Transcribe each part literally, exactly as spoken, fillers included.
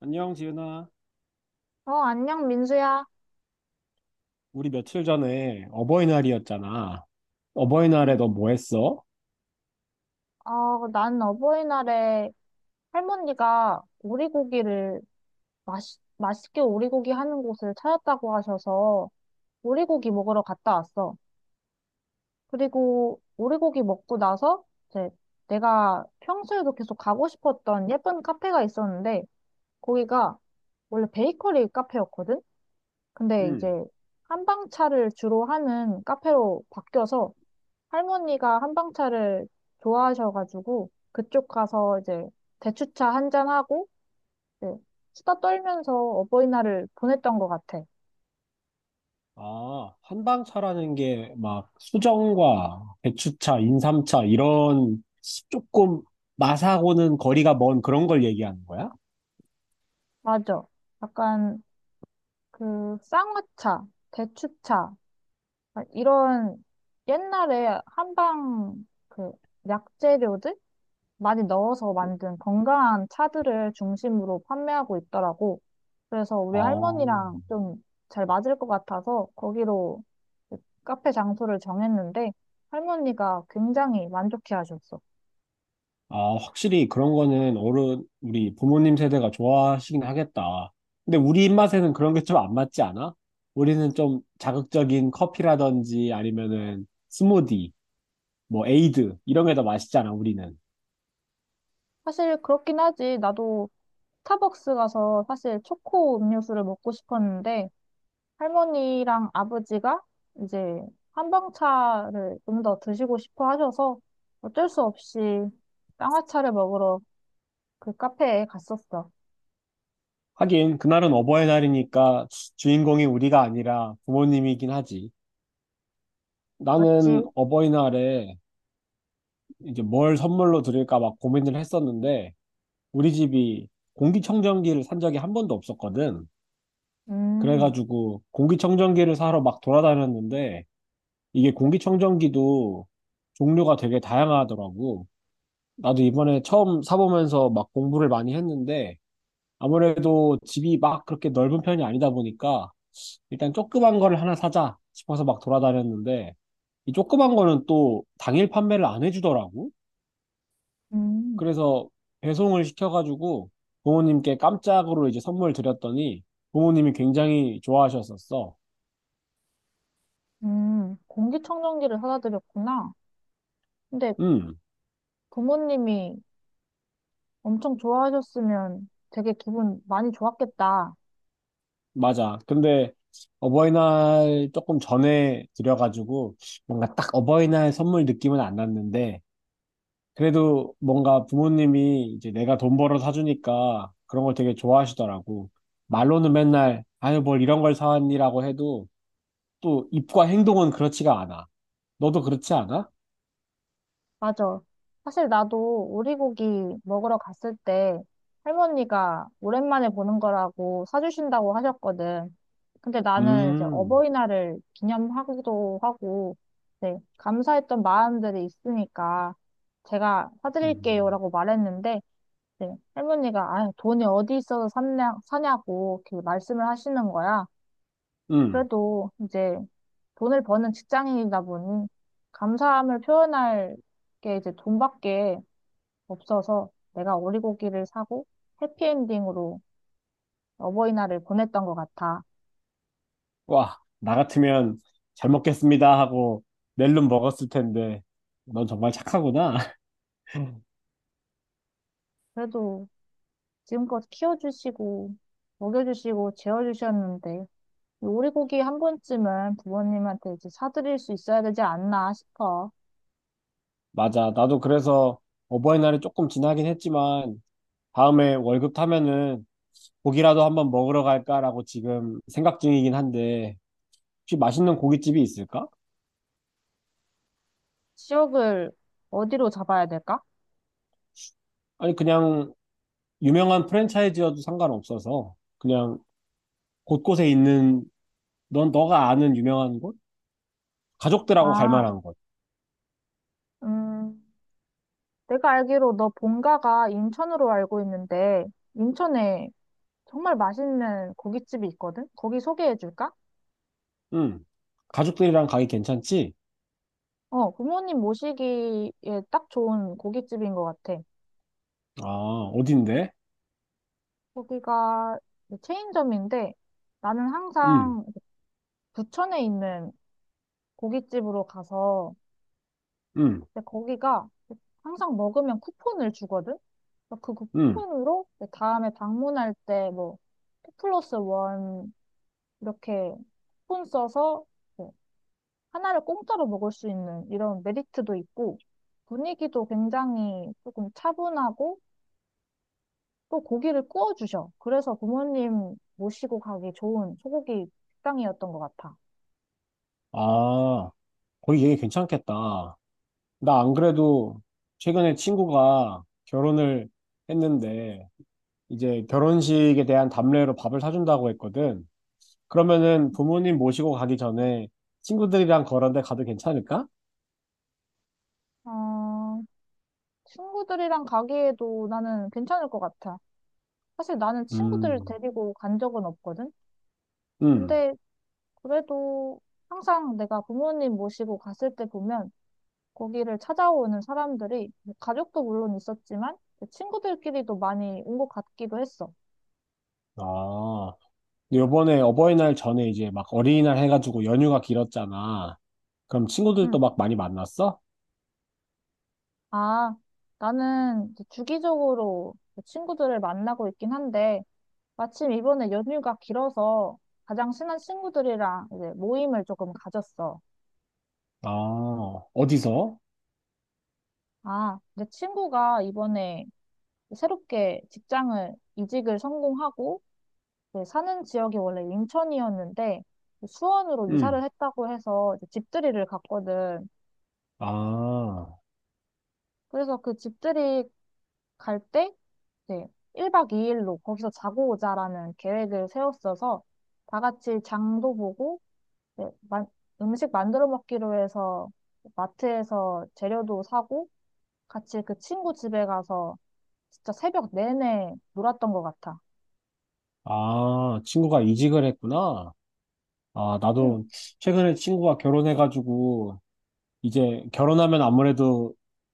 안녕, 지은아. 어, 안녕, 민수야. 우리 며칠 전에 어버이날이었잖아. 어버이날에 응. 너 뭐 했어? 어, 난 어버이날에 할머니가 오리고기를 맛있, 맛있게 오리고기 하는 곳을 찾았다고 하셔서 오리고기 먹으러 갔다 왔어. 그리고 오리고기 먹고 나서 이제 내가 평소에도 계속 가고 싶었던 예쁜 카페가 있었는데 거기가 원래 베이커리 카페였거든? 근데 이제 응. 한방차를 주로 하는 카페로 바뀌어서 할머니가 한방차를 좋아하셔가지고 그쪽 가서 이제 대추차 한잔하고 이제 수다 떨면서 어버이날을 보냈던 것 같아. 아, 한방차라는 게 막 수정과 배추차, 인삼차 이런 조금 맛하고는 거리가 먼 그런 걸 얘기하는 거야? 맞아. 약간 그 쌍화차, 대추차 아, 이런 옛날에 한방 그 약재료들 많이 넣어서 만든 건강한 차들을 중심으로 판매하고 있더라고. 그래서 아, 우리 할머니랑 좀 잘 맞을 것 같아서 거기로 카페 장소를 정했는데 할머니가 굉장히 만족해 하셨어. 아, 확실히 그런 거는 어른, 우리 부모님 세대가 좋아하시긴 하겠다. 근데 우리 입맛에는 그런 게 좀 안 맞지 않아? 우리는 좀 자극적인 커피라든지 아니면은 스무디, 뭐 에이드, 이런 게 더 맛있잖아, 우리는. 사실 그렇긴 하지. 나도 스타벅스 가서 사실 초코 음료수를 먹고 싶었는데 할머니랑 아버지가 이제 한방차를 좀 더 드시고 싶어 하셔서 어쩔 수 없이 쌍화차를 먹으러 그 카페에 갔었어. 하긴, 그날은 어버이날이니까 주인공이 우리가 아니라 부모님이긴 하지. 맞지? 나는 어버이날에 이제 뭘 선물로 드릴까 막 고민을 했었는데, 우리 집이 공기청정기를 산 적이 한 번도 없었거든. 음, 그래가지고 공기청정기를 사러 막 돌아다녔는데 이게 공기청정기도 종류가 되게 다양하더라고. 나도 이번에 처음 사보면서 막 공부를 많이 했는데 아무래도 집이 막 그렇게 넓은 편이 아니다 보니까 일단 조그만 거를 하나 사자 싶어서 막 돌아다녔는데 이 조그만 거는 또 당일 판매를 안 해주더라고. 음, 그래서 배송을 시켜가지고 부모님께 깜짝으로 이제 선물 드렸더니 부모님이 굉장히 좋아하셨었어. 음. 공기청정기를 사다 드렸구나. 근데 음. 부모님이 엄청 좋아하셨으면 되게 기분 많이 좋았겠다. 맞아. 근데 어버이날 조금 전에 드려가지고 뭔가 딱 어버이날 선물 느낌은 안 났는데 그래도 뭔가 부모님이 이제 내가 돈 벌어 사주니까 그런 걸 되게 좋아하시더라고. 말로는 맨날 아유 뭘 이런 걸 사왔니라고 해도 또 입과 행동은 그렇지가 않아. 너도 그렇지 않아? 맞아. 사실 나도 오리고기 먹으러 갔을 때 할머니가 오랜만에 보는 거라고 사주신다고 하셨거든. 근데 나는 이제 음, 어버이날을 기념하기도 하고, 네, 감사했던 마음들이 있으니까 제가 음, 사드릴게요라고 말했는데, 네, 할머니가 아, 돈이 어디 있어서 샀냐, 사냐고 이렇게 말씀을 하시는 거야. 음. 그래도 이제 돈을 버는 직장인이다 보니 감사함을 표현할 게 이제 돈밖에 없어서 내가 오리고기를 사고 해피엔딩으로 어버이날을 보냈던 것 같아. 와, 나 같으면 잘 먹겠습니다 하고 낼름 먹었을 텐데 넌 정말 착하구나. 그래도 지금껏 키워주시고 먹여주시고 재워주셨는데 이 오리고기 한 번쯤은 부모님한테 이제 사드릴 수 있어야 되지 않나 싶어. 맞아. 나도 그래서 어버이날이 조금 지나긴 했지만 다음에 월급 타면은 고기라도 한번 먹으러 갈까라고 지금 생각 중이긴 한데 혹시 맛있는 고깃집이 있을까? 지역을 어디로 잡아야 될까? 아니 그냥 유명한 프랜차이즈여도 상관없어서 그냥 곳곳에 있는 넌 너가 아는 유명한 곳? 가족들하고 갈 아, 만한 곳. 음, 내가 알기로 너 본가가 인천으로 알고 있는데, 인천에 정말 맛있는 고깃집이 있거든? 거기 소개해 줄까? 응. 가족들이랑 가기 괜찮지? 어, 부모님 모시기에 딱 좋은 고깃집인 것 같아. 아, 어딘데? 거기가 체인점인데, 나는 응, 항상 부천에 있는 고깃집으로 가서, 응, 근데 거기가 항상 먹으면 쿠폰을 주거든? 그래서 그 응. 쿠폰으로 다음에 방문할 때 뭐, 이 플러스 일 이렇게 쿠폰 써서 네, 하나를 공짜로 먹을 수 있는 이런 메리트도 있고 분위기도 굉장히 조금 차분하고 또 고기를 구워 주셔. 그래서 부모님 모시고 가기 좋은 소고기 식당이었던 것 같아. 아, 거기 얘기 괜찮겠다. 나 안 그래도 최근에 친구가 결혼을 했는데 이제 결혼식에 대한 답례로 밥을 사준다고 했거든. 그러면은 부모님 모시고 가기 전에 친구들이랑 그런 데 가도 괜찮을까? 어, 친구들이랑 가기에도 나는 괜찮을 것 같아. 사실 나는 친구들을 음, 데리고 간 적은 없거든. 음. 근데 그래도 항상 내가 부모님 모시고 갔을 때 보면 거기를 찾아오는 사람들이 가족도 물론 있었지만 친구들끼리도 많이 온 것 같기도 했어. 아, 근데 요번에 어버이날 전에 이제 막 어린이날 해가지고 연휴가 길었잖아. 그럼 친구들도 응. 막 많이 만났어? 아, 나는 이제 주기적으로 친구들을 만나고 있긴 한데 마침 이번에 연휴가 길어서 가장 친한 친구들이랑 이제 모임을 조금 가졌어. 아, 어디서? 아, 내 친구가 이번에 새롭게 직장을 이직을 성공하고 이제 사는 지역이 원래 인천이었는데 수원으로 이사를 음. 했다고 해서 이제 집들이를 갔거든. 아, 그래서 그 집들이 갈 때, 이제 일 박 이 일로 거기서 자고 오자라는 계획을 세웠어서 다 같이 장도 보고, 이제 만- 음식 만들어 먹기로 해서 마트에서 재료도 사고, 같이 그 친구 집에 가서 진짜 새벽 내내 놀았던 것 같아. 아, 친구가 이직을 했구나. 아, 응, 나도 최근에 친구가 결혼해가지고, 이제 결혼하면 아무래도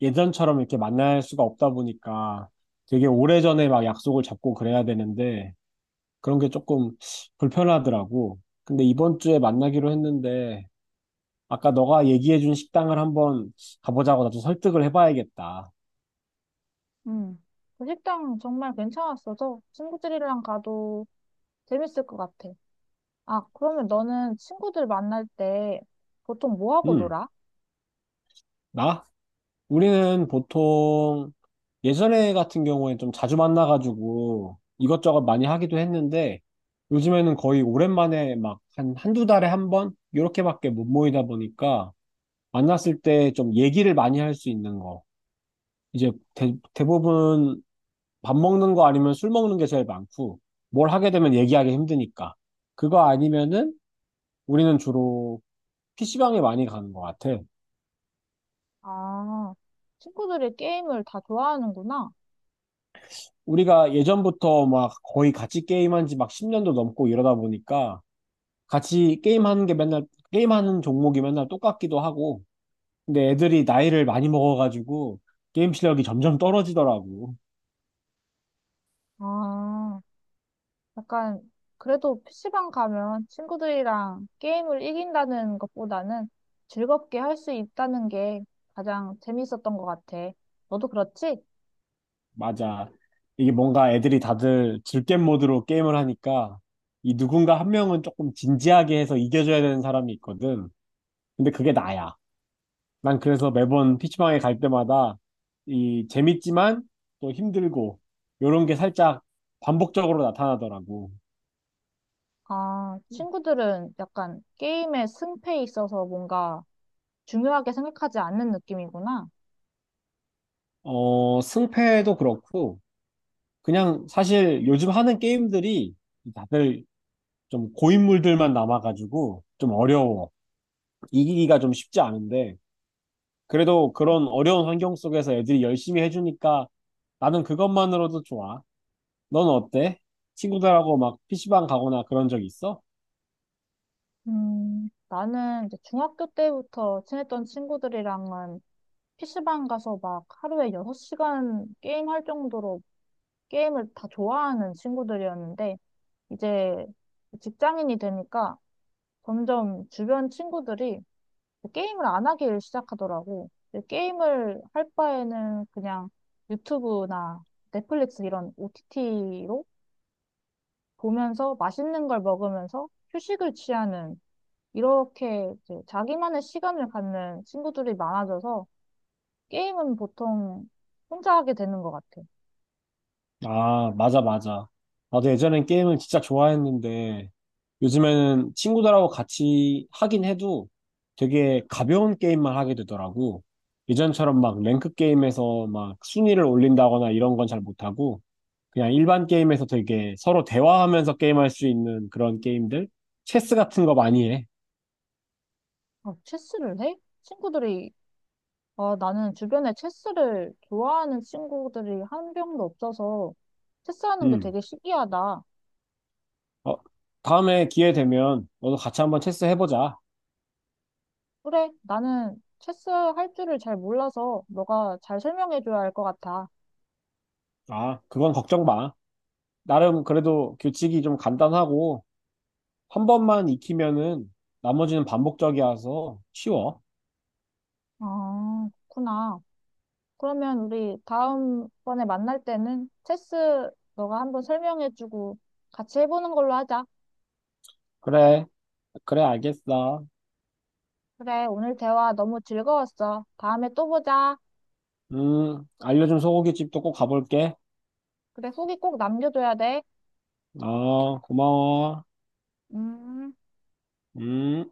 예전처럼 이렇게 만날 수가 없다 보니까 되게 오래전에 막 약속을 잡고 그래야 되는데, 그런 게 조금 불편하더라고. 근데 이번 주에 만나기로 했는데, 아까 너가 얘기해준 식당을 한번 가보자고 나도 설득을 해봐야겠다. 응. 그 식당 정말 괜찮았어서 친구들이랑 가도 재밌을 것 같아. 아, 그러면 너는 친구들 만날 때 보통 뭐 하고 음, 놀아? 나 우리는 보통 예전에 같은 경우에 좀 자주 만나가지고 이것저것 많이 하기도 했는데 요즘에는 거의 오랜만에 막 한 한두 달에 한 번? 이렇게밖에 못 모이다 보니까 만났을 때 좀 얘기를 많이 할 수 있는 거. 이제 대, 대부분 밥 먹는 거 아니면 술 먹는 게 제일 많고 뭘 하게 되면 얘기하기 힘드니까. 그거 아니면은 우리는 주로 피시방에 많이 가는 것 같아. 아, 친구들이 게임을 다 좋아하는구나. 우리가 예전부터 막 거의 같이 게임한 지 막 십 년도 넘고 이러다 보니까 같이 게임하는 게 맨날, 게임하는 종목이 맨날 똑같기도 하고. 근데 애들이 나이를 많이 먹어가지고 게임 실력이 점점 떨어지더라고. 아, 약간, 그래도 피시방 가면 친구들이랑 게임을 이긴다는 것보다는 즐겁게 할 수 있다는 게 가장 재밌었던 것 같아. 너도 그렇지? 맞아. 이게 뭔가 애들이 다들 즐겜 모드로 게임을 하니까 이 누군가 한 명은 조금 진지하게 해서 이겨줘야 되는 사람이 있거든. 근데 그게 나야. 난 그래서 매번 피시방에 갈 때마다 이 재밌지만 또 힘들고 요런 게 살짝 반복적으로 나타나더라고. 아, 친구들은 약간 게임의 승패에 있어서 뭔가 중요하게 생각하지 않는 느낌이구나. 어, 승패도 그렇고 그냥 사실 요즘 하는 게임들이 다들 좀 고인물들만 남아가지고 좀 어려워. 이기기가 좀 쉽지 않은데 그래도 그런 어려운 환경 속에서 애들이 열심히 해주니까 나는 그것만으로도 좋아. 넌 어때? 친구들하고 막 피시방 가거나 그런 적 있어? 음, 나는 이제 중학교 때부터 친했던 친구들이랑은 피시방 가서 막 하루에 여섯 시간 게임할 정도로 게임을 다 좋아하는 친구들이었는데, 이제 직장인이 되니까 점점 주변 친구들이 게임을 안 하길 시작하더라고. 근데 게임을 할 바에는 그냥 유튜브나 넷플릭스 이런 오티티로 보면서 맛있는 걸 먹으면서 휴식을 취하는 이렇게 이제 자기만의 시간을 갖는 친구들이 많아져서 게임은 보통 혼자 하게 되는 것 같아. 아, 맞아, 맞아. 나도 예전엔 게임을 진짜 좋아했는데, 요즘에는 친구들하고 같이 하긴 해도 되게 가벼운 게임만 하게 되더라고. 예전처럼 막 랭크 게임에서 막 순위를 올린다거나 이런 건 잘 못하고, 그냥 일반 게임에서 되게 서로 대화하면서 게임할 수 있는 그런 게임들? 체스 같은 거 많이 해. 아, 체스를 해? 친구들이, 아, 나는 주변에 체스를 좋아하는 친구들이 한 명도 없어서 체스하는 게 음. 되게 신기하다. 어, 다음에 기회 되면 너도 같이 한번 체스 해보자. 그래, 나는 체스 할 줄을 잘 몰라서 너가 잘 설명해줘야 할 것 같아. 아, 그건 걱정 마. 나름 그래도 규칙이 좀 간단하고, 한 번만 익히면은 나머지는 반복적이어서 쉬워. 아, 그렇구나. 그러면 우리 다음번에 만날 때는 체스 너가 한번 설명해주고 같이 해보는 걸로 하자. 그래, 그래, 알겠어. 그래, 오늘 대화 너무 즐거웠어. 다음에 또 보자. 음, 알려준 소고기집도 꼭 가볼게. 그래, 후기 꼭 남겨줘야 돼. 아, 고마워. 음. 음.